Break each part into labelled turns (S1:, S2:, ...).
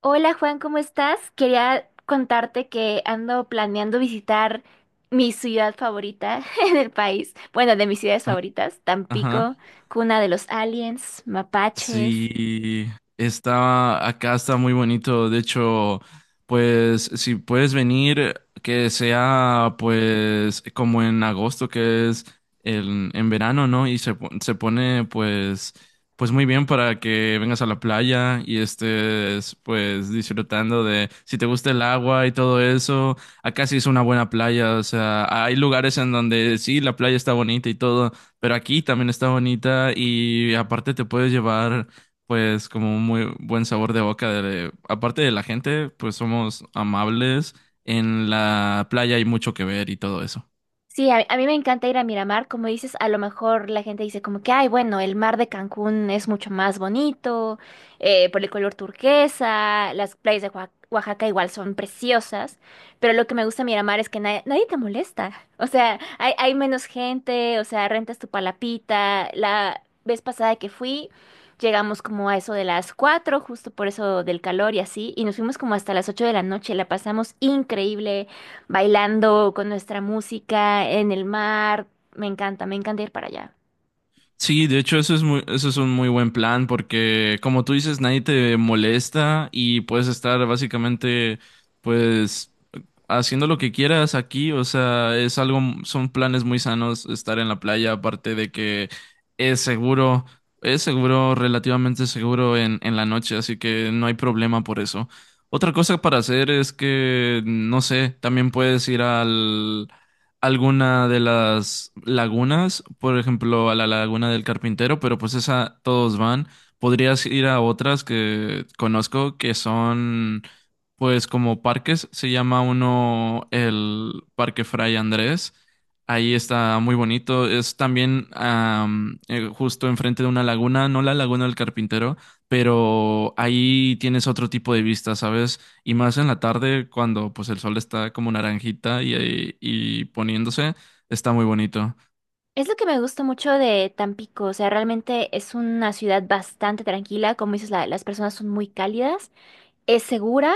S1: Hola Juan, ¿cómo estás? Quería contarte que ando planeando visitar mi ciudad favorita en el país. Bueno, de mis ciudades
S2: Ah,
S1: favoritas,
S2: Ajá.
S1: Tampico, cuna de los aliens, mapaches.
S2: Sí, está acá, está muy bonito. De hecho, pues si puedes venir, que sea pues como en agosto, que es en verano, ¿no? Se pone pues muy bien para que vengas a la playa y estés pues disfrutando de si te gusta el agua y todo eso. Acá sí es una buena playa, o sea, hay lugares en donde sí, la playa está bonita y todo pero aquí también está bonita y aparte te puedes llevar pues como un muy buen sabor de boca de, aparte de la gente, pues somos amables, en la playa hay mucho que ver y todo eso.
S1: Sí, a mí me encanta ir a Miramar, como dices, a lo mejor la gente dice como que, ay, bueno, el mar de Cancún es mucho más bonito, por el color turquesa, las playas de Oaxaca igual son preciosas, pero lo que me gusta de Miramar es que nadie, nadie te molesta, o sea, hay menos gente, o sea, rentas tu palapita, la vez pasada que fui, llegamos como a eso de las 4, justo por eso del calor y así, y nos fuimos como hasta las 8 de la noche, la pasamos increíble bailando con nuestra música en el mar. Me encanta ir para allá.
S2: Sí, de hecho eso es un muy buen plan porque como tú dices, nadie te molesta y puedes estar básicamente pues haciendo lo que quieras aquí, o sea, es algo, son planes muy sanos estar en la playa, aparte de que es seguro, es seguro, relativamente seguro en la noche, así que no hay problema por eso. Otra cosa para hacer es que, no sé, también puedes ir alguna de las lagunas, por ejemplo, a la Laguna del Carpintero, pero pues esa todos van. Podrías ir a otras que conozco que son pues como parques. Se llama uno el Parque Fray Andrés. Ahí está muy bonito. Es también justo enfrente de una laguna, no la Laguna del Carpintero, pero ahí tienes otro tipo de vista, ¿sabes? Y más en la tarde, cuando pues el sol está como naranjita poniéndose, está muy bonito.
S1: Es lo que me gusta mucho de Tampico, o sea, realmente es una ciudad bastante tranquila, como dices, las personas son muy cálidas, es segura,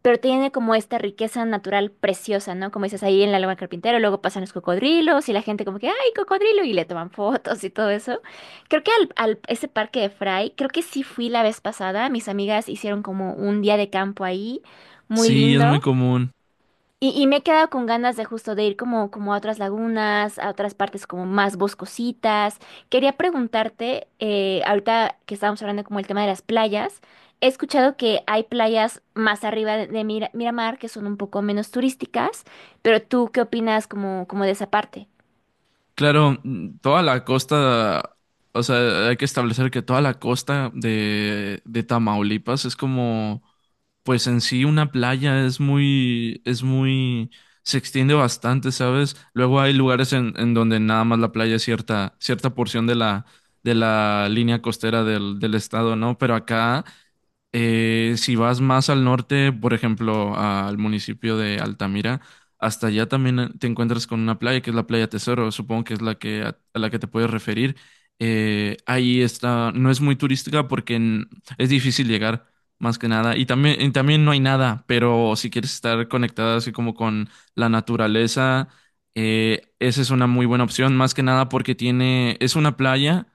S1: pero tiene como esta riqueza natural preciosa, ¿no? Como dices, ahí en la Laguna del Carpintero, luego pasan los cocodrilos y la gente como que, ¡ay, cocodrilo! Y le toman fotos y todo eso. Creo que ese parque de Fray, creo que sí fui la vez pasada, mis amigas hicieron como un día de campo ahí, muy
S2: Sí, es muy
S1: lindo.
S2: común.
S1: Y me he quedado con ganas de justo de ir como, como a otras lagunas, a otras partes como más boscositas. Quería preguntarte, ahorita que estábamos hablando como el tema de las playas, he escuchado que hay playas más arriba de Miramar que son un poco menos turísticas, pero ¿tú qué opinas como, como de esa parte?
S2: Claro, toda la costa, o sea, hay que establecer que toda la costa de Tamaulipas es como pues en sí una playa es muy, se extiende bastante, ¿sabes? Luego hay lugares en donde nada más la playa es cierta porción de de la línea costera del estado, ¿no? Pero acá, si vas más al norte, por ejemplo, al municipio de Altamira, hasta allá también te encuentras con una playa que es la Playa Tesoro, supongo que es la que a la que te puedes referir. Ahí está, no es muy turística es difícil llegar. Más que nada. Y también no hay nada, pero si quieres estar conectada así como con la naturaleza, esa es una muy buena opción, más que nada porque tiene, es una playa,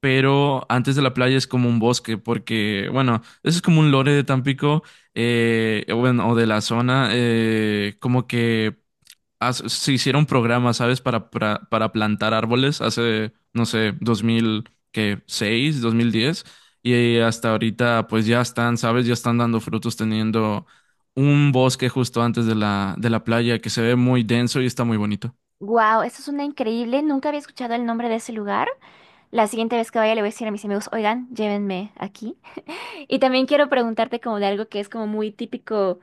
S2: pero antes de la playa es como un bosque, porque, bueno, eso es como un lore de Tampico, o bueno, o de la zona, como que se hicieron programas, ¿sabes? Para plantar árboles hace, no sé, 2006, 2010. Y hasta ahorita, pues ya están, ¿sabes? Ya están dando frutos teniendo un bosque justo antes de de la playa que se ve muy denso y está muy bonito.
S1: Wow, eso es una increíble, nunca había escuchado el nombre de ese lugar. La siguiente vez que vaya le voy a decir a mis amigos, oigan, llévenme aquí. Y también quiero preguntarte como de algo que es como muy típico.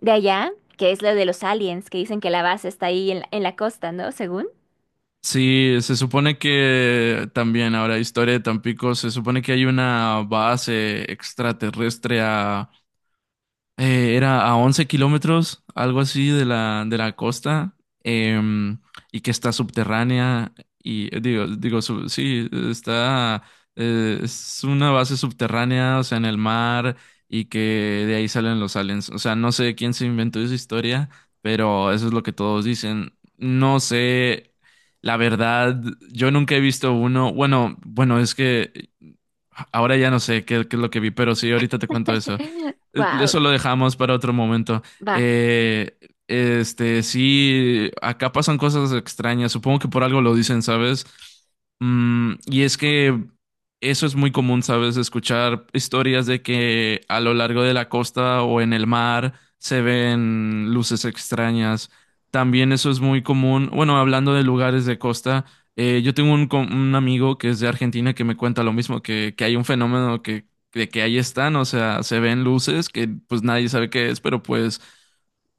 S1: De allá, que es lo de los aliens, que dicen que la base está ahí en la costa, ¿no? Según.
S2: Sí, se supone que también ahora, historia de Tampico, se supone que hay una base extraterrestre a era a 11 kilómetros, algo así, de de la costa, em, y que está subterránea, y sí, está, es una base subterránea, o sea, en el mar, y que de ahí salen los aliens. O sea, no sé quién se inventó esa historia, pero eso es lo que todos dicen. No sé, la verdad, yo nunca he visto uno, bueno, es que... Ahora ya no sé qué es lo que vi, pero sí, ahorita te cuento eso.
S1: Wow.
S2: Eso lo dejamos para otro momento.
S1: Va.
S2: Eh, sí, acá pasan cosas extrañas. Supongo que por algo lo dicen, ¿sabes? Y es que eso es muy común, ¿sabes? Escuchar historias de que a lo largo de la costa o en el mar se ven luces extrañas. También eso es muy común, bueno, hablando de lugares de costa. Yo tengo un amigo que es de Argentina que me cuenta lo mismo, que hay un fenómeno de que ahí están, o sea, se ven luces que pues nadie sabe qué es, pero pues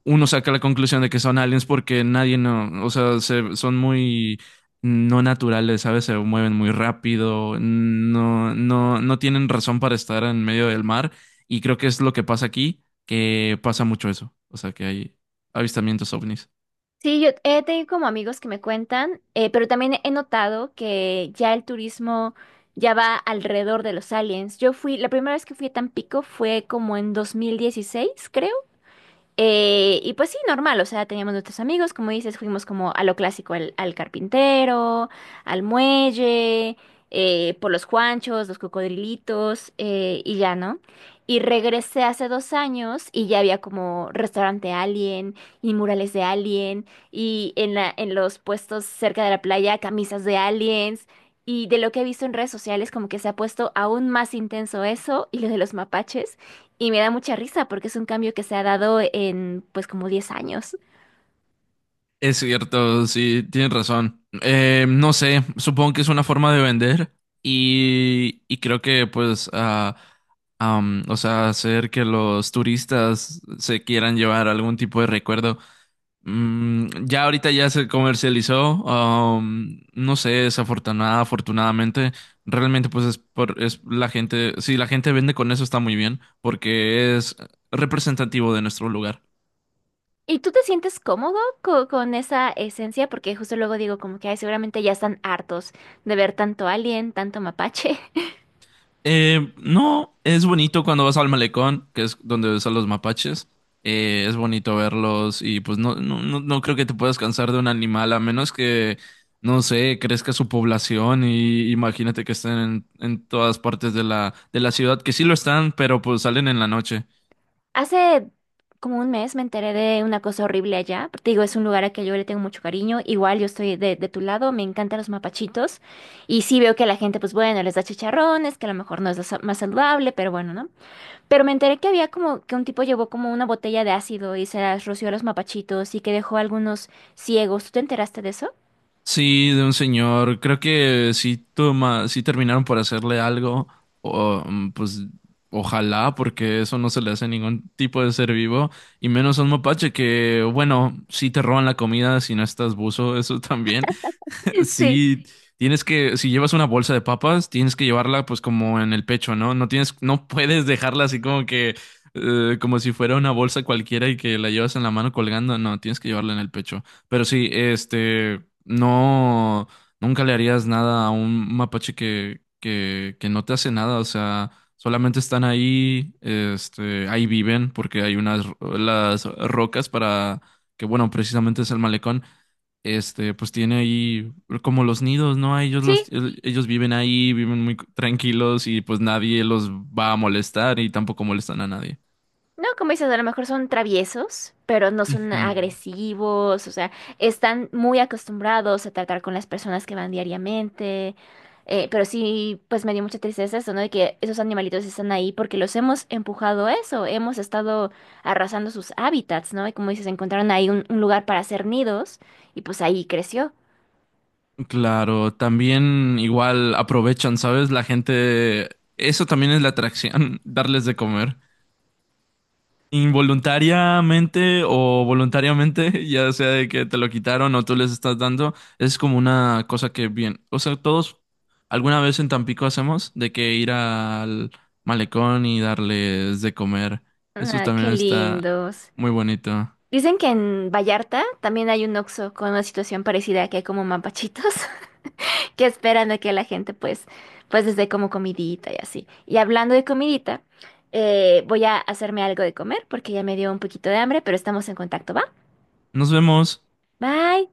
S2: uno saca la conclusión de que son aliens porque nadie no, o sea, son muy no naturales, ¿sabes? Se mueven muy rápido, no tienen razón para estar en medio del mar y creo que es lo que pasa aquí, que pasa mucho eso, o sea, que hay avistamientos ovnis.
S1: Sí, yo he tenido como amigos que me cuentan, pero también he notado que ya el turismo ya va alrededor de los aliens. Yo fui, la primera vez que fui a Tampico fue como en 2016 creo. Y pues sí, normal, o sea, teníamos nuestros amigos, como dices, fuimos como a lo clásico, al carpintero, al muelle, por los Juanchos, los cocodrilitos, y ya, ¿no? Y regresé hace dos años y ya había como restaurante Alien y murales de Alien y en en los puestos cerca de la playa camisas de aliens y de lo que he visto en redes sociales como que se ha puesto aún más intenso eso y lo de los mapaches. Y me da mucha risa porque es un cambio que se ha dado en pues como 10 años.
S2: Es cierto, sí, tienes razón. No sé, supongo que es una forma de vender y creo que pues, o sea, hacer que los turistas se quieran llevar algún tipo de recuerdo. Ya ahorita ya se comercializó, no sé, desafortunada, afortunadamente, realmente pues es la gente, si la gente vende con eso está muy bien porque es representativo de nuestro lugar.
S1: ¿Y tú te sientes cómodo con esa esencia? Porque justo luego digo como que ay, seguramente ya están hartos de ver tanto alien, tanto mapache.
S2: No, es bonito cuando vas al malecón, que es donde ves a los mapaches. Es bonito verlos y pues no creo que te puedas cansar de un animal, a menos que, no sé, crezca su población y imagínate que estén en todas partes de de la ciudad, que sí lo están, pero pues salen en la noche.
S1: Hace como un mes me enteré de una cosa horrible allá. Te digo, es un lugar a que yo le tengo mucho cariño. Igual yo estoy de tu lado, me encantan los mapachitos. Y sí veo que la gente pues bueno, les da chicharrones, que a lo mejor no es lo más saludable, pero bueno, ¿no? Pero me enteré que había como que un tipo llevó como una botella de ácido y se las roció a los mapachitos y que dejó a algunos ciegos. ¿Tú te enteraste de eso?
S2: Sí, de un señor. Creo que sí, toma, sí terminaron por hacerle algo. O, pues ojalá, porque eso no se le hace a ningún tipo de ser vivo. Y menos a un mapache que, bueno, sí te roban la comida si no estás buzo, eso también.
S1: Sí,
S2: Sí, tienes que, si llevas una bolsa de papas, tienes que llevarla pues como en el pecho, ¿no? No tienes, no puedes dejarla así como que, como si fuera una bolsa cualquiera y que la llevas en la mano colgando, no, tienes que llevarla en el pecho. Pero sí, no, nunca le harías nada a un mapache que no te hace nada, o sea, solamente están ahí, ahí viven porque hay las rocas que bueno, precisamente es el malecón este, pues tiene ahí como los nidos, ¿no? A
S1: sí.
S2: ellos viven ahí, viven muy tranquilos y pues nadie los va a molestar y tampoco molestan a nadie.
S1: No, como dices, a lo mejor son traviesos, pero no son
S2: Ujú.
S1: agresivos, o sea, están muy acostumbrados a tratar con las personas que van diariamente. Pero sí, pues me dio mucha tristeza eso, ¿no? De que esos animalitos están ahí porque los hemos empujado a eso, hemos estado arrasando sus hábitats, ¿no? Y como dices, encontraron ahí un lugar para hacer nidos y pues ahí creció.
S2: Claro, también igual aprovechan, ¿sabes? La gente, eso también es la atracción, darles de comer. Involuntariamente o voluntariamente, ya sea de que te lo quitaron o tú les estás dando, es como una cosa que bien, o sea, todos alguna vez en Tampico hacemos de que ir al malecón y darles de comer. Eso
S1: Ah, qué
S2: también está
S1: lindos.
S2: muy bonito.
S1: Dicen que en Vallarta también hay un Oxxo con una situación parecida, que hay como mapachitos que esperan a que la gente pues, pues desde como comidita y así. Y hablando de comidita, voy a hacerme algo de comer porque ya me dio un poquito de hambre, pero estamos en contacto, ¿va?
S2: Nos vemos.
S1: Bye.